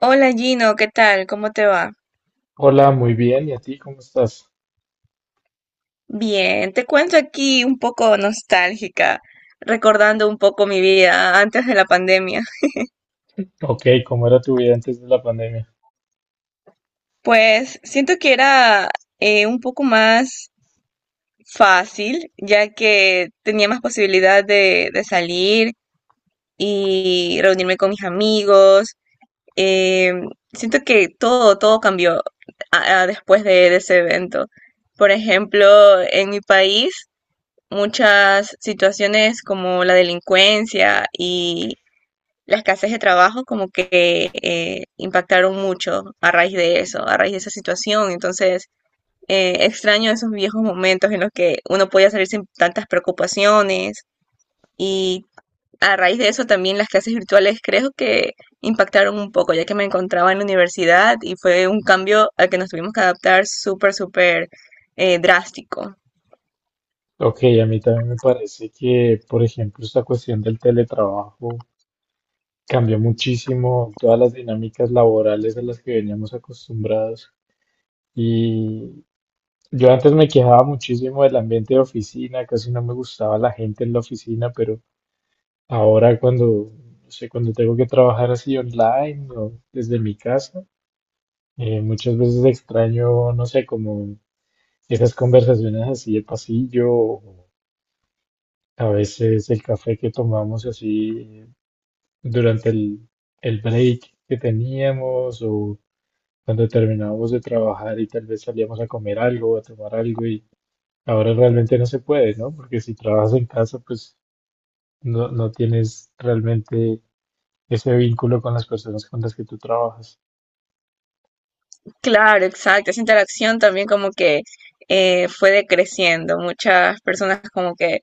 Hola Gino, ¿qué tal? ¿Cómo te va? Hola, muy bien. ¿Y a ti cómo estás? Bien, te cuento aquí un poco nostálgica, recordando un poco mi vida antes de la pandemia. Ok, ¿cómo era tu vida antes de la pandemia? Pues siento que era un poco más fácil, ya que tenía más posibilidad de salir y reunirme con mis amigos. Eh, Siento que todo cambió después de ese evento. Por ejemplo, en mi país muchas situaciones como la delincuencia y la escasez de trabajo como que impactaron mucho a raíz de eso, a raíz de esa situación. Entonces, extraño esos viejos momentos en los que uno podía salir sin tantas preocupaciones y a raíz de eso también las clases virtuales creo que impactaron un poco, ya que me encontraba en la universidad y fue un cambio al que nos tuvimos que adaptar súper, súper drástico. Ok, a mí también me parece que, por ejemplo, esta cuestión del teletrabajo cambió muchísimo todas las dinámicas laborales a las que veníamos acostumbrados. Y yo antes me quejaba muchísimo del ambiente de oficina, casi no me gustaba la gente en la oficina, pero ahora cuando, no sé, cuando tengo que trabajar así online o desde mi casa, muchas veces extraño, no sé, como esas conversaciones así el pasillo, o a veces el café que tomamos así durante el break que teníamos o cuando terminábamos de trabajar y tal vez salíamos a comer algo, a tomar algo y ahora realmente no se puede, ¿no? Porque si trabajas en casa, pues no tienes realmente ese vínculo con las personas con las que tú trabajas. Claro, exacto. Esa interacción también como que fue decreciendo. Muchas personas como que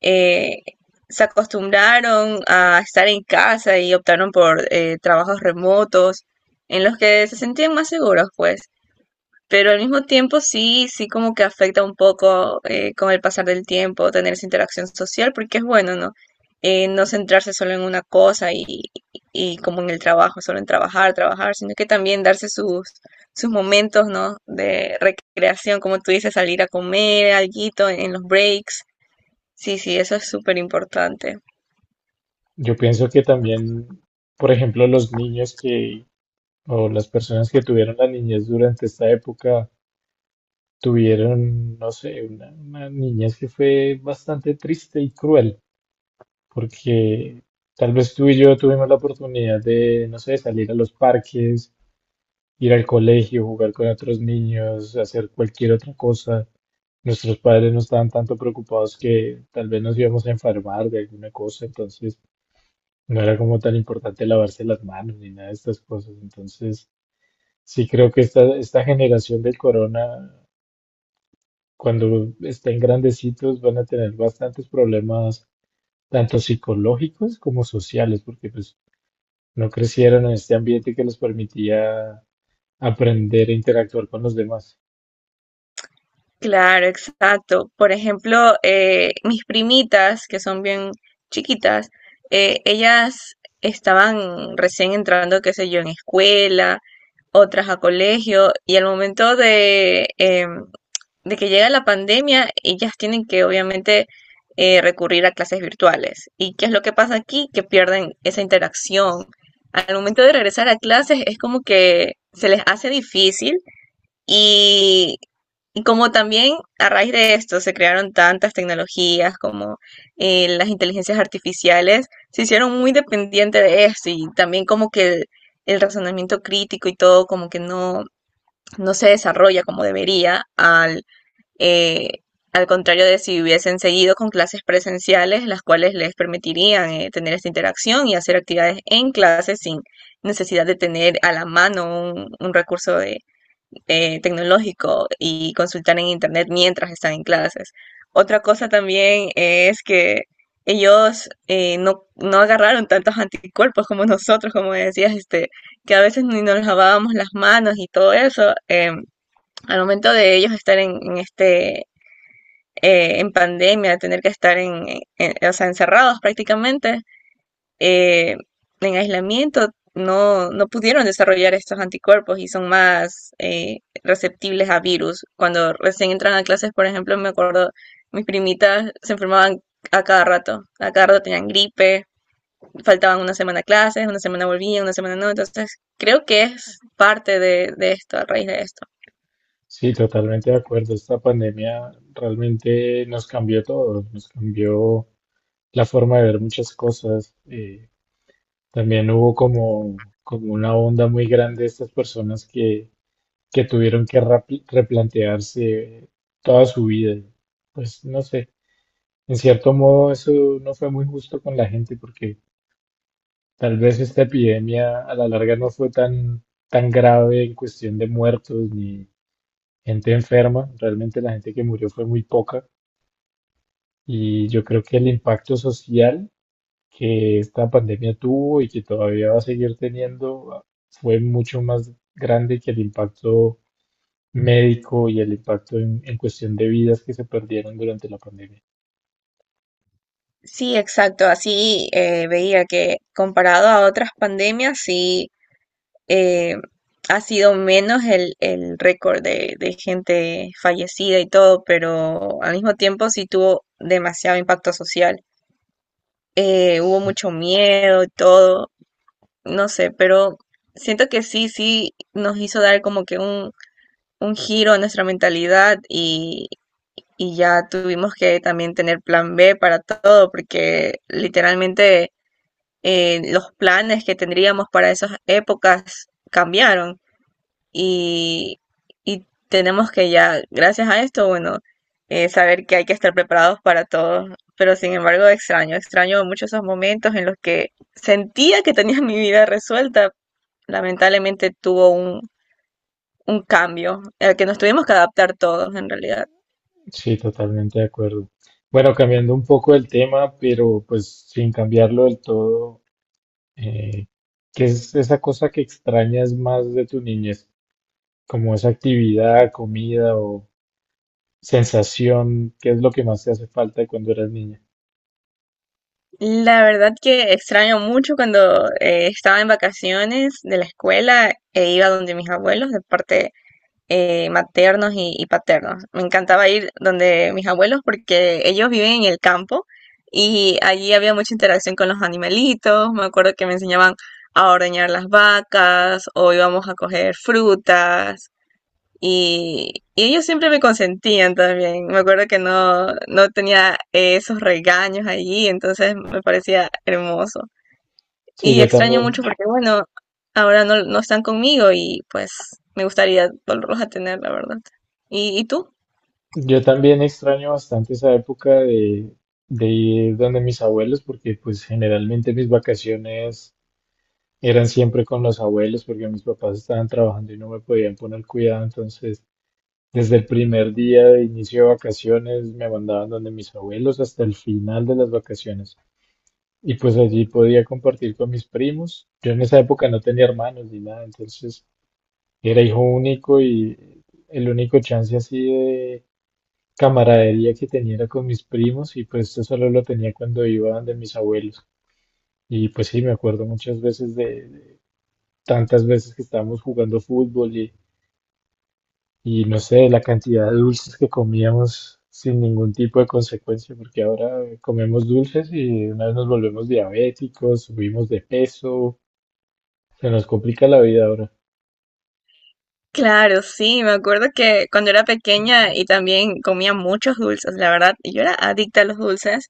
eh, se acostumbraron a estar en casa y optaron por trabajos remotos en los que se sentían más seguros, pues. Pero al mismo tiempo sí, sí como que afecta un poco con el pasar del tiempo tener esa interacción social, porque es bueno, ¿no? No centrarse solo en una cosa y como en el trabajo, solo en trabajar, trabajar, sino que también darse sus momentos, ¿no? De recreación, como tú dices, salir a comer, alguito en los breaks. Sí, sí, eso es súper importante. Yo pienso que también, por ejemplo, los niños que o las personas que tuvieron la niñez durante esta época, tuvieron, no sé, una niñez que fue bastante triste y cruel, porque tal vez tú y yo tuvimos la oportunidad de, no sé, salir a los parques, ir al colegio, jugar con otros niños, hacer cualquier otra cosa. Nuestros padres no estaban tanto preocupados que tal vez nos íbamos a enfermar de alguna cosa, entonces no era como tan importante lavarse las manos ni nada de estas cosas. Entonces, sí creo que esta generación del corona, cuando estén grandecitos, van a tener bastantes problemas, tanto psicológicos como sociales, porque pues no crecieron en este ambiente que les permitía aprender e interactuar con los demás. Claro, exacto. Por ejemplo, mis primitas, que son bien chiquitas, ellas estaban recién entrando, qué sé yo, en escuela, otras a colegio, y al momento de, de que llega la pandemia, ellas tienen que obviamente recurrir a clases virtuales. ¿Y qué es lo que pasa aquí? Que pierden esa interacción. Al momento de regresar a clases es como que se les hace difícil. Y y como también a raíz de esto se crearon tantas tecnologías como las inteligencias artificiales, se hicieron muy dependientes de esto y también como que el razonamiento crítico y todo como que no, no se desarrolla como debería eh, al contrario de si hubiesen seguido con clases presenciales, las cuales les permitirían tener esta interacción y hacer actividades en clase sin necesidad de tener a la mano un recurso de tecnológico y consultar en internet mientras están en clases. Otra cosa también es que ellos no, no agarraron tantos anticuerpos como nosotros, como decías, este, que a veces ni nos lavábamos las manos y todo eso. Al momento de ellos estar en este, en pandemia, tener que estar en, o sea, encerrados prácticamente, eh, en aislamiento no, no pudieron desarrollar estos anticuerpos y son más receptibles a virus. Cuando recién entran a clases, por ejemplo, me acuerdo, mis primitas se enfermaban a cada rato tenían gripe, faltaban una semana a clases, una semana volvían, una semana no, entonces creo que es parte de esto, a raíz de esto. Sí, totalmente de acuerdo. Esta pandemia realmente nos cambió todo, nos cambió la forma de ver muchas cosas. También hubo como, como una onda muy grande de estas personas que tuvieron que replantearse toda su vida. Pues no sé, en cierto modo, eso no fue muy justo con la gente porque tal vez esta epidemia a la larga no fue tan grave en cuestión de muertos ni gente enferma. Realmente la gente que murió fue muy poca y yo creo que el impacto social que esta pandemia tuvo y que todavía va a seguir teniendo fue mucho más grande que el impacto médico y el impacto en cuestión de vidas que se perdieron durante la pandemia. Sí, exacto, así veía que comparado a otras pandemias, sí eh, ha sido menos el récord de gente fallecida y todo, pero al mismo tiempo sí tuvo demasiado impacto social. Hubo mucho miedo y todo, no sé, pero siento que sí, sí nos hizo dar como que un giro a nuestra mentalidad y ya tuvimos que también tener plan B para todo, porque literalmente los planes que tendríamos para esas épocas cambiaron. Y y tenemos que ya, gracias a esto, bueno, saber que hay que estar preparados para todo. Pero sin embargo, extraño, extraño mucho esos momentos en los que sentía que tenía mi vida resuelta. Lamentablemente tuvo un cambio al que nos tuvimos que adaptar todos en realidad. Sí, totalmente de acuerdo. Bueno, cambiando un poco el tema, pero pues sin cambiarlo del todo, eh, ¿qué es esa cosa que extrañas más de tu niñez? Como esa actividad, comida o sensación, ¿qué es lo que más te hace falta de cuando eras niña? La verdad que extraño mucho cuando estaba en vacaciones de la escuela e iba donde mis abuelos de parte maternos y paternos. Me encantaba ir donde mis abuelos porque ellos viven en el campo y allí había mucha interacción con los animalitos. Me acuerdo que me enseñaban a ordeñar las vacas o íbamos a coger frutas. Y ellos siempre me consentían también. Me acuerdo que no, no tenía esos regaños allí, entonces me parecía hermoso. Sí, Y extraño mucho porque, bueno, ahora no, no están conmigo y pues me gustaría volverlos a tener, la verdad. Y tú? yo también extraño bastante esa época de ir donde mis abuelos, porque pues generalmente mis vacaciones eran siempre con los abuelos, porque mis papás estaban trabajando y no me podían poner cuidado, entonces... Desde el primer día de inicio de vacaciones me mandaban donde mis abuelos hasta el final de las vacaciones. Y pues allí podía compartir con mis primos. Yo en esa época no tenía hermanos ni nada, entonces era hijo único y el único chance así de camaradería que tenía era con mis primos y pues esto solo lo tenía cuando iba donde mis abuelos. Y pues sí, me acuerdo muchas veces de tantas veces que estábamos jugando fútbol y no sé, la cantidad de dulces que comíamos sin ningún tipo de consecuencia, porque ahora comemos dulces y de una vez nos volvemos diabéticos, subimos de peso, se nos complica la vida ahora. Claro, sí, me acuerdo que cuando era pequeña y también comía muchos dulces, la verdad, yo era adicta a los dulces.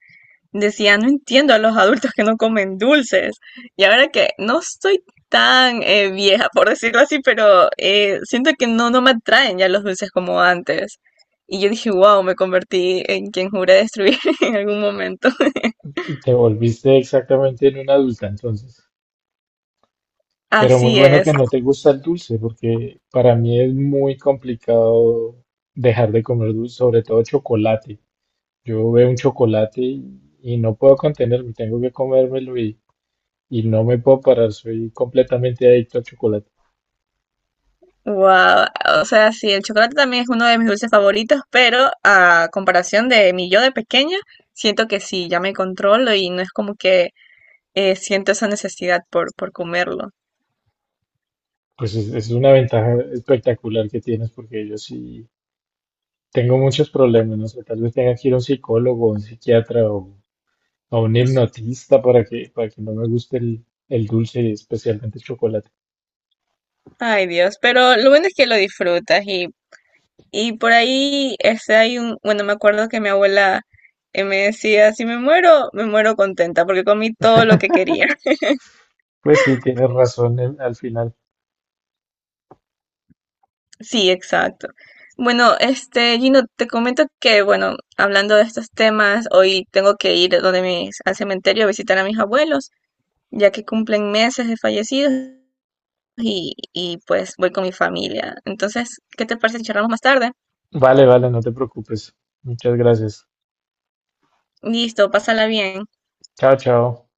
Decía, no entiendo a los adultos que no comen dulces. Y ahora que no estoy tan vieja, por decirlo así, pero siento que no, no me atraen ya los dulces como antes. Y yo dije, wow, me convertí en quien juré destruir en algún momento. Te volviste exactamente en una adulta entonces. Pero muy Así bueno es. que no te gusta el dulce, porque para mí es muy complicado dejar de comer dulce, sobre todo chocolate. Yo veo un chocolate y no puedo contenerme, tengo que comérmelo y no me puedo parar, soy completamente adicto al chocolate. Wow. O sea, sí, el chocolate también es uno de mis dulces favoritos, pero a comparación de mi yo de pequeña, siento que sí, ya me controlo y no es como que siento esa necesidad por comerlo. Pues es una ventaja espectacular que tienes porque yo sí tengo muchos problemas, no sé, tal vez tenga que ir a un psicólogo, a un psiquiatra o a un hipnotista para que no me guste el dulce y especialmente el chocolate. Ay, Dios. Pero lo bueno es que lo disfrutas y por ahí este, hay un, bueno, me acuerdo que mi abuela me decía, si me muero, me muero contenta porque comí todo lo que quería. Pues sí, tienes razón en- al final. Sí, exacto. Bueno, este, Gino, te comento que, bueno, hablando de estos temas, hoy tengo que ir donde mis, al cementerio a visitar a mis abuelos, ya que cumplen meses de fallecidos y pues voy con mi familia. Entonces, ¿qué te parece si charlamos más tarde? Vale, vale, no te preocupes. Muchas gracias. Listo, pásala bien. Chao, chao.